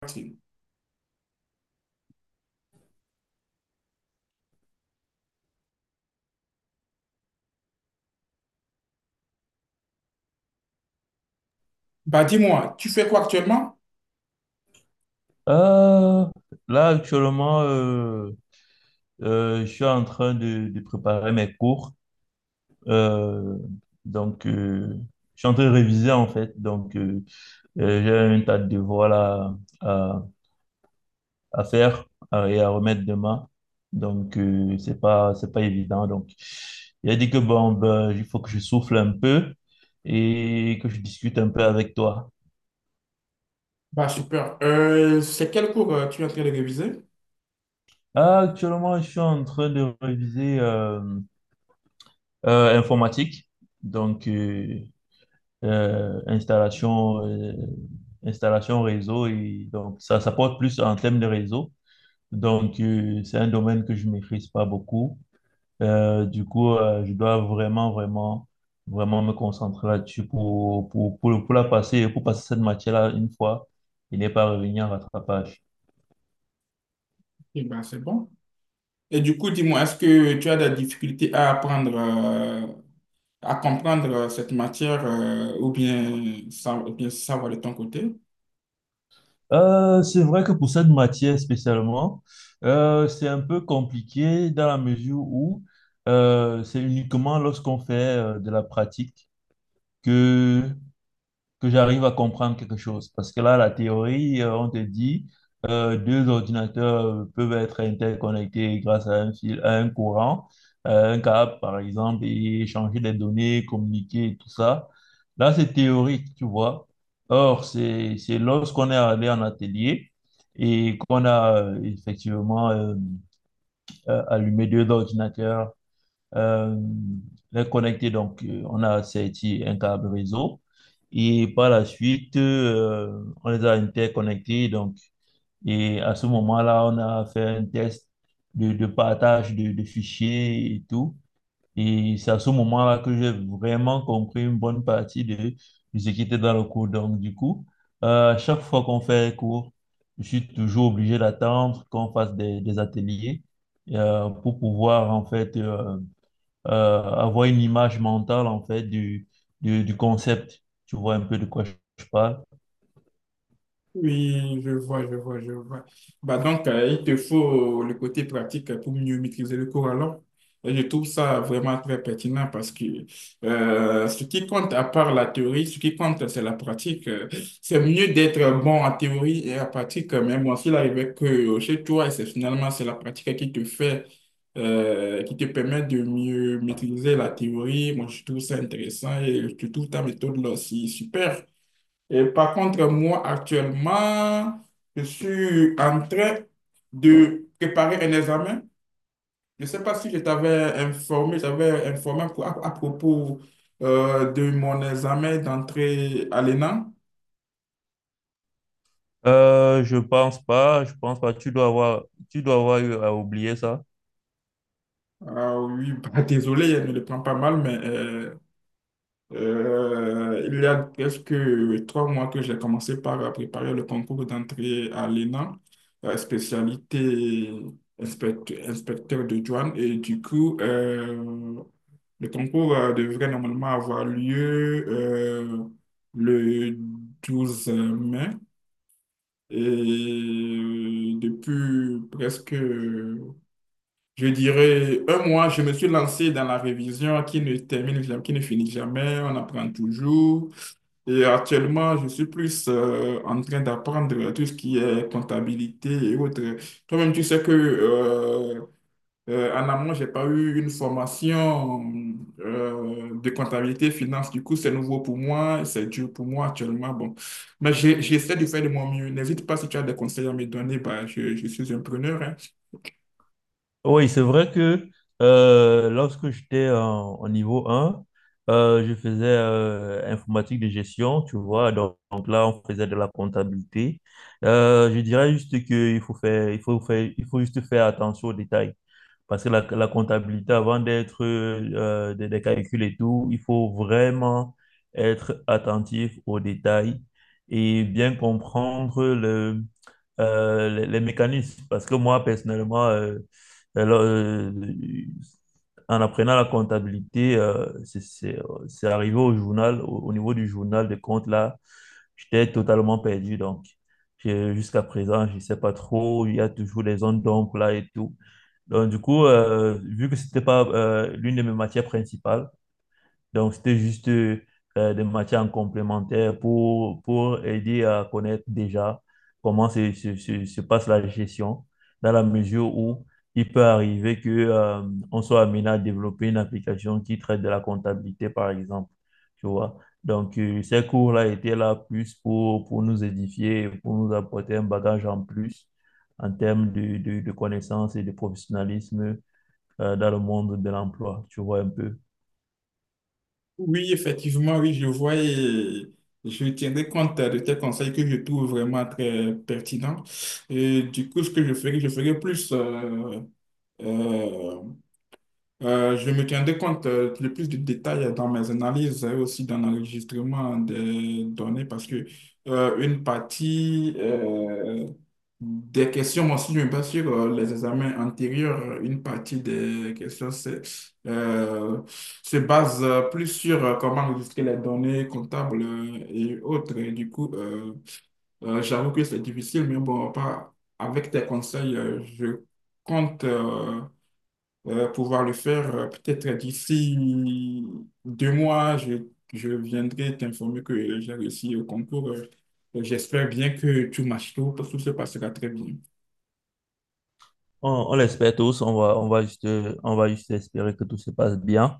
Tranquille. Bah, dis-moi, tu fais quoi actuellement? Euh, Là, actuellement, je suis en train de préparer mes cours. Euh, donc, euh, je suis en train de réviser, en fait. J'ai un tas de devoirs là, à, à faire et à remettre demain. C'est pas évident. Donc, il a dit que bon, ben, il faut que je souffle un peu et que je discute un peu avec toi. Bah, super. C'est quel cours tu es en train de réviser? Ah, actuellement, je suis en train de réviser. Informatique, donc euh, installation, installation réseau, et donc ça porte plus en termes de réseau. C'est un domaine que je maîtrise pas beaucoup. Je dois vraiment me concentrer là-dessus pour la passer, pour passer cette matière-là une fois et ne pas revenir à rattrapage. Et bah, c'est bon. Et du coup, dis-moi, est-ce que tu as des difficultés à apprendre à comprendre cette matière ou bien, ça, ou bien savoir de ton côté? C'est vrai que pour cette matière spécialement, c'est un peu compliqué dans la mesure où c'est uniquement lorsqu'on fait de la pratique que que j'arrive à comprendre quelque chose. Parce que là, la théorie, on te dit, deux ordinateurs peuvent être interconnectés grâce à un fil, à un courant, un câble, par exemple, et échanger des données, communiquer, et tout ça. Là, c'est théorique, tu vois. Or, c'est lorsqu'on est allé en atelier et qu'on a effectivement allumé deux ordinateurs euh, les connecter. On a sorti un câble réseau et par la suite, on les a interconnectés. Donc, et à ce moment-là, on a fait un test de partage de fichiers et tout. Et c'est à ce moment-là que j'ai vraiment compris une bonne partie de ce qui était dans le cours. À chaque fois qu'on fait un cours, je suis toujours obligé d'attendre qu'on fasse des ateliers pour pouvoir, en fait, avoir une image mentale en fait du concept. Tu vois un peu de quoi je parle. Oui, je vois, je vois, je vois. Bah donc, il te faut le côté pratique pour mieux maîtriser le cours alors. Et je trouve ça vraiment très pertinent parce que ce qui compte, à part la théorie, ce qui compte, c'est la pratique. C'est mieux d'être bon en théorie et en pratique, mais bon, s'il arrivait que chez toi, et c'est finalement c'est la pratique qui te fait, qui te permet de mieux maîtriser la théorie. Moi, je trouve ça intéressant et je trouve ta méthode là aussi super. Et par contre, moi, actuellement, je suis en train de préparer un examen. Je ne sais pas si je t'avais informé, j'avais informé à propos de mon examen d'entrée à l'ENA. Je pense pas. Tu dois avoir eu à oublier ça. Ah oui, bah, désolé, je ne le prends pas mal, mais il y a presque trois mois que j'ai commencé par préparer le concours d'entrée à l'ENA, spécialité inspecteur de douane. Et du coup, le concours devrait normalement avoir lieu le 12 mai. Et depuis presque, je dirais, un mois, je me suis lancé dans la révision qui ne termine jamais, qui ne finit jamais. On apprend toujours. Et actuellement, je suis plus en train d'apprendre tout ce qui est comptabilité et autres. Toi-même, tu sais que en amont, j'ai pas eu une formation de comptabilité finance. Du coup, c'est nouveau pour moi, c'est dur pour moi actuellement. Bon, mais j'essaie de faire de mon mieux. N'hésite pas si tu as des conseils à me donner. Bah, je suis un preneur, hein. Oui, c'est vrai que lorsque j'étais en niveau 1, je faisais informatique de gestion, tu vois. Donc, là, on faisait de la comptabilité. Je dirais juste qu'il faut juste faire attention aux détails. Parce que la comptabilité, avant d'être des calculs et tout, il faut vraiment être attentif aux détails et bien comprendre les mécanismes. Parce que moi, personnellement, alors, euh, en apprenant la comptabilité, c'est arrivé au journal, au niveau du journal de compte, là, j'étais totalement perdu. Donc, jusqu'à présent, je ne sais pas trop, il y a toujours des zones d'ombre là et tout. Vu que c'était pas l'une de mes matières principales, donc, c'était juste des matières complémentaires pour aider à connaître déjà comment se passe la gestion, dans la mesure où il peut arriver que, on soit amené à développer une application qui traite de la comptabilité, par exemple. Tu vois? Ces cours-là étaient là plus pour nous édifier, et pour nous apporter un bagage en plus en termes de connaissances et de professionnalisme dans le monde de l'emploi. Tu vois un peu. Oui, effectivement, oui, je vois et je tiendrai compte de tes conseils que je trouve vraiment très pertinents. Et du coup, ce que je ferai plus. euh, je me tiendrai compte le plus de détails dans mes analyses et aussi dans l'enregistrement des données parce que une partie des questions, moi aussi je me base sur les examens antérieurs, une partie des questions euh, se base plus sur comment enregistrer les données comptables et autres. Et du coup, j'avoue que c'est difficile, mais bon, pas avec tes conseils, je compte. Pouvoir le faire. Peut-être d'ici deux mois, je viendrai t'informer que j'ai réussi au concours. J'espère bien que tout marche, tout se passera très bien. On l'espère tous, on va juste espérer que tout se passe bien.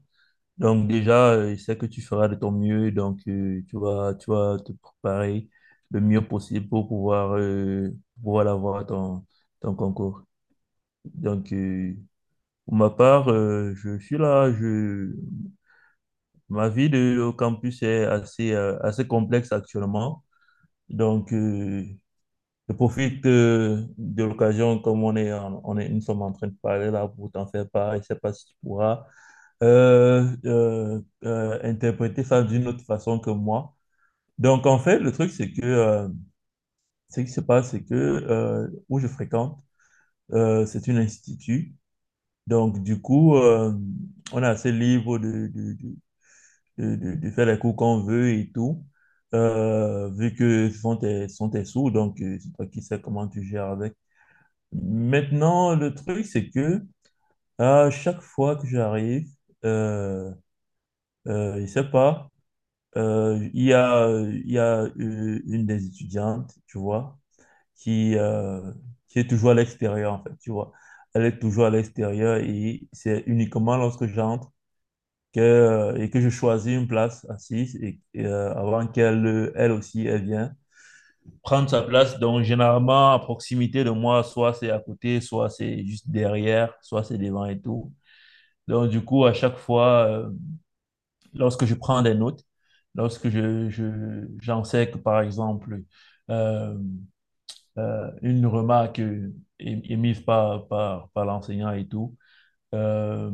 Donc déjà, je sais que tu feras de ton mieux, donc tu vas te préparer le mieux possible pour pouvoir, pouvoir avoir ton concours. Donc euh, pour ma part, je suis là, ma vie de, au campus est assez, assez complexe actuellement. Donc euh, Je profite de l'occasion, comme on est, nous sommes en train de parler là pour t'en faire part. Je ne sais pas si tu pourras interpréter ça d'une autre façon que moi. Donc, en fait, le truc, c'est que ce qui se passe, c'est que où je fréquente, c'est une institut. Donc, du coup, euh, on est assez libre de faire les cours qu'on veut et tout, vu que ce sont ce sont tes sous. Donc, c'est toi qui sais comment tu gères avec. Maintenant, le truc, c'est que à chaque fois que j'arrive, euh, je sais pas, il y a une des étudiantes, tu vois, qui, euh, qui est toujours à l'extérieur, en fait, tu vois. Elle est toujours à l'extérieur et c'est uniquement lorsque j'entre que, et que je choisis une place assise avant qu'elle aussi, elle vienne prendre sa place. Donc, généralement, à proximité de moi, soit c'est à côté, soit c'est juste derrière, soit c'est devant et tout. Donc, du coup, à chaque fois, lorsque je prends des notes, lorsque j'enseigne, par exemple, euh, une remarque émise par l'enseignant et tout, euh,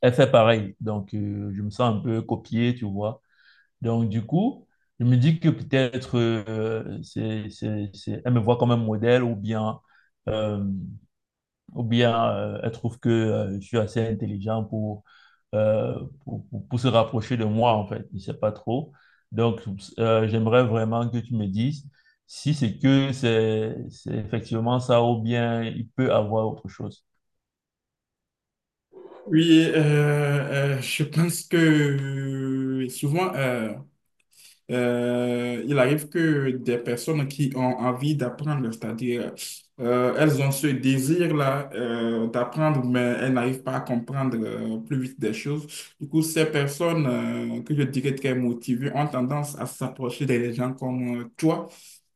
elle fait pareil. Je me sens un peu copié, tu vois. Donc, du coup, je me dis que peut-être elle me voit comme un modèle ou bien, euh, elle trouve que je suis assez intelligent euh, pour se rapprocher de moi, en fait. Je ne sais pas trop. Donc, j'aimerais vraiment que tu me dises si c'est effectivement ça ou bien il peut avoir autre chose. Oui, je pense que il arrive que des personnes qui ont envie d'apprendre, c'est-à-dire elles ont ce désir-là d'apprendre, mais elles n'arrivent pas à comprendre plus vite des choses. Du coup, ces personnes que je dirais très motivées ont tendance à s'approcher des gens comme toi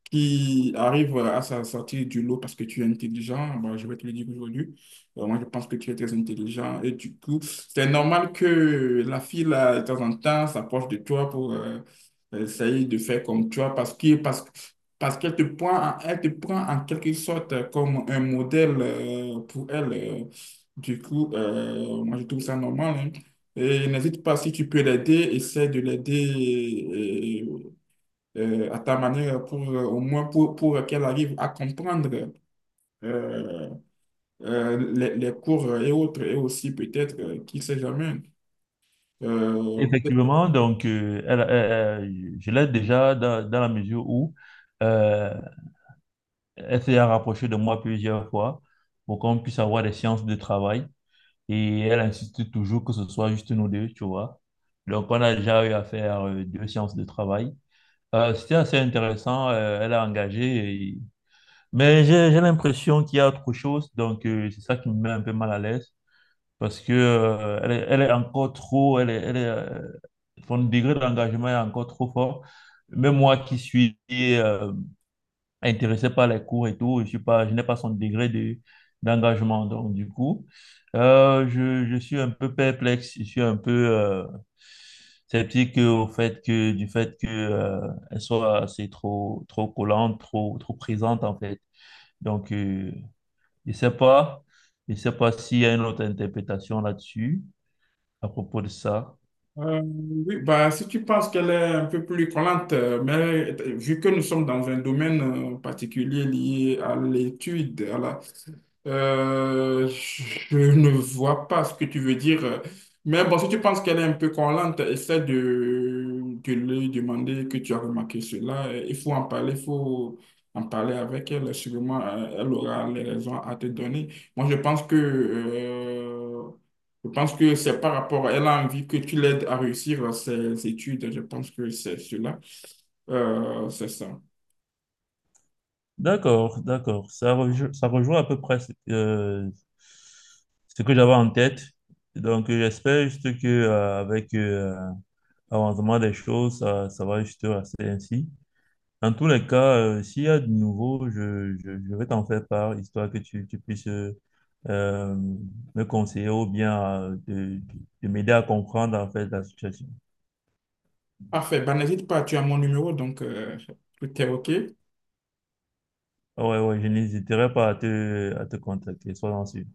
qui arrive à sortir du lot parce que tu es intelligent, bon, je vais te le dire aujourd'hui. Moi, je pense que tu es très intelligent et du coup, c'est normal que la fille, là, de temps en temps, s'approche de toi pour essayer de faire comme toi parce qu'elle te elle te prend en quelque sorte comme un modèle pour elle. Du coup, moi, je trouve ça normal, hein. Et n'hésite pas, si tu peux l'aider, essaie de l'aider Et- à ta manière pour au moins pour qu'elle arrive à comprendre euh, les cours et autres, et aussi peut-être, qui sait jamais, euh, Effectivement, donc, elle- je l'aide déjà dans la mesure où... euh, Elle s'est rapprochée de moi plusieurs fois pour qu'on puisse avoir des séances de travail. Et elle insiste toujours que ce soit juste nous deux, tu vois. Donc, on a déjà eu à faire deux séances de travail. C'était assez intéressant. Elle a engagé. Mais j'ai l'impression qu'il y a autre chose. Donc, c'est ça qui me met un peu mal à l'aise. Parce que, elle est encore trop. Elle est, son degré d'engagement est encore trop fort. Même moi qui suis intéressé par les cours et tout. Je n'ai pas son degré d'engagement. Donc, du coup, je suis un peu perplexe. Je suis un peu sceptique au fait que, elle soit assez trop, trop collante, trop présente, en fait. Donc, je sais pas. Je sais pas s'il y a une autre interprétation là-dessus à propos de ça. Euh, oui, bah, si tu penses qu'elle est un peu plus collante, mais vu que nous sommes dans un domaine particulier lié à l'étude, je ne vois pas ce que tu veux dire. Mais bon, si tu penses qu'elle est un peu collante, essaie de lui demander que tu as remarqué cela. Il faut en parler, il faut en parler avec elle. Sûrement, elle aura les raisons à te donner. Moi, je pense que... Je pense que c'est par rapport, elle a envie que tu l'aides à réussir ses études. Je pense que c'est cela. C'est ça. D'accord, d'accord. Ça rejoint à peu près ce que j'avais en tête. Donc, j'espère juste que avec l'avancement des choses, ça va juste rester ainsi. En tous les cas, s'il y a de nouveau, je vais t'en faire part, histoire que tu puisses euh, me conseiller ou bien de m'aider à comprendre en fait la situation. Parfait. Ben, n'hésite pas, tu as mon numéro, donc tout est OK. Ah ouais, ouais, je n'hésiterai pas à à te contacter, sois en sûr.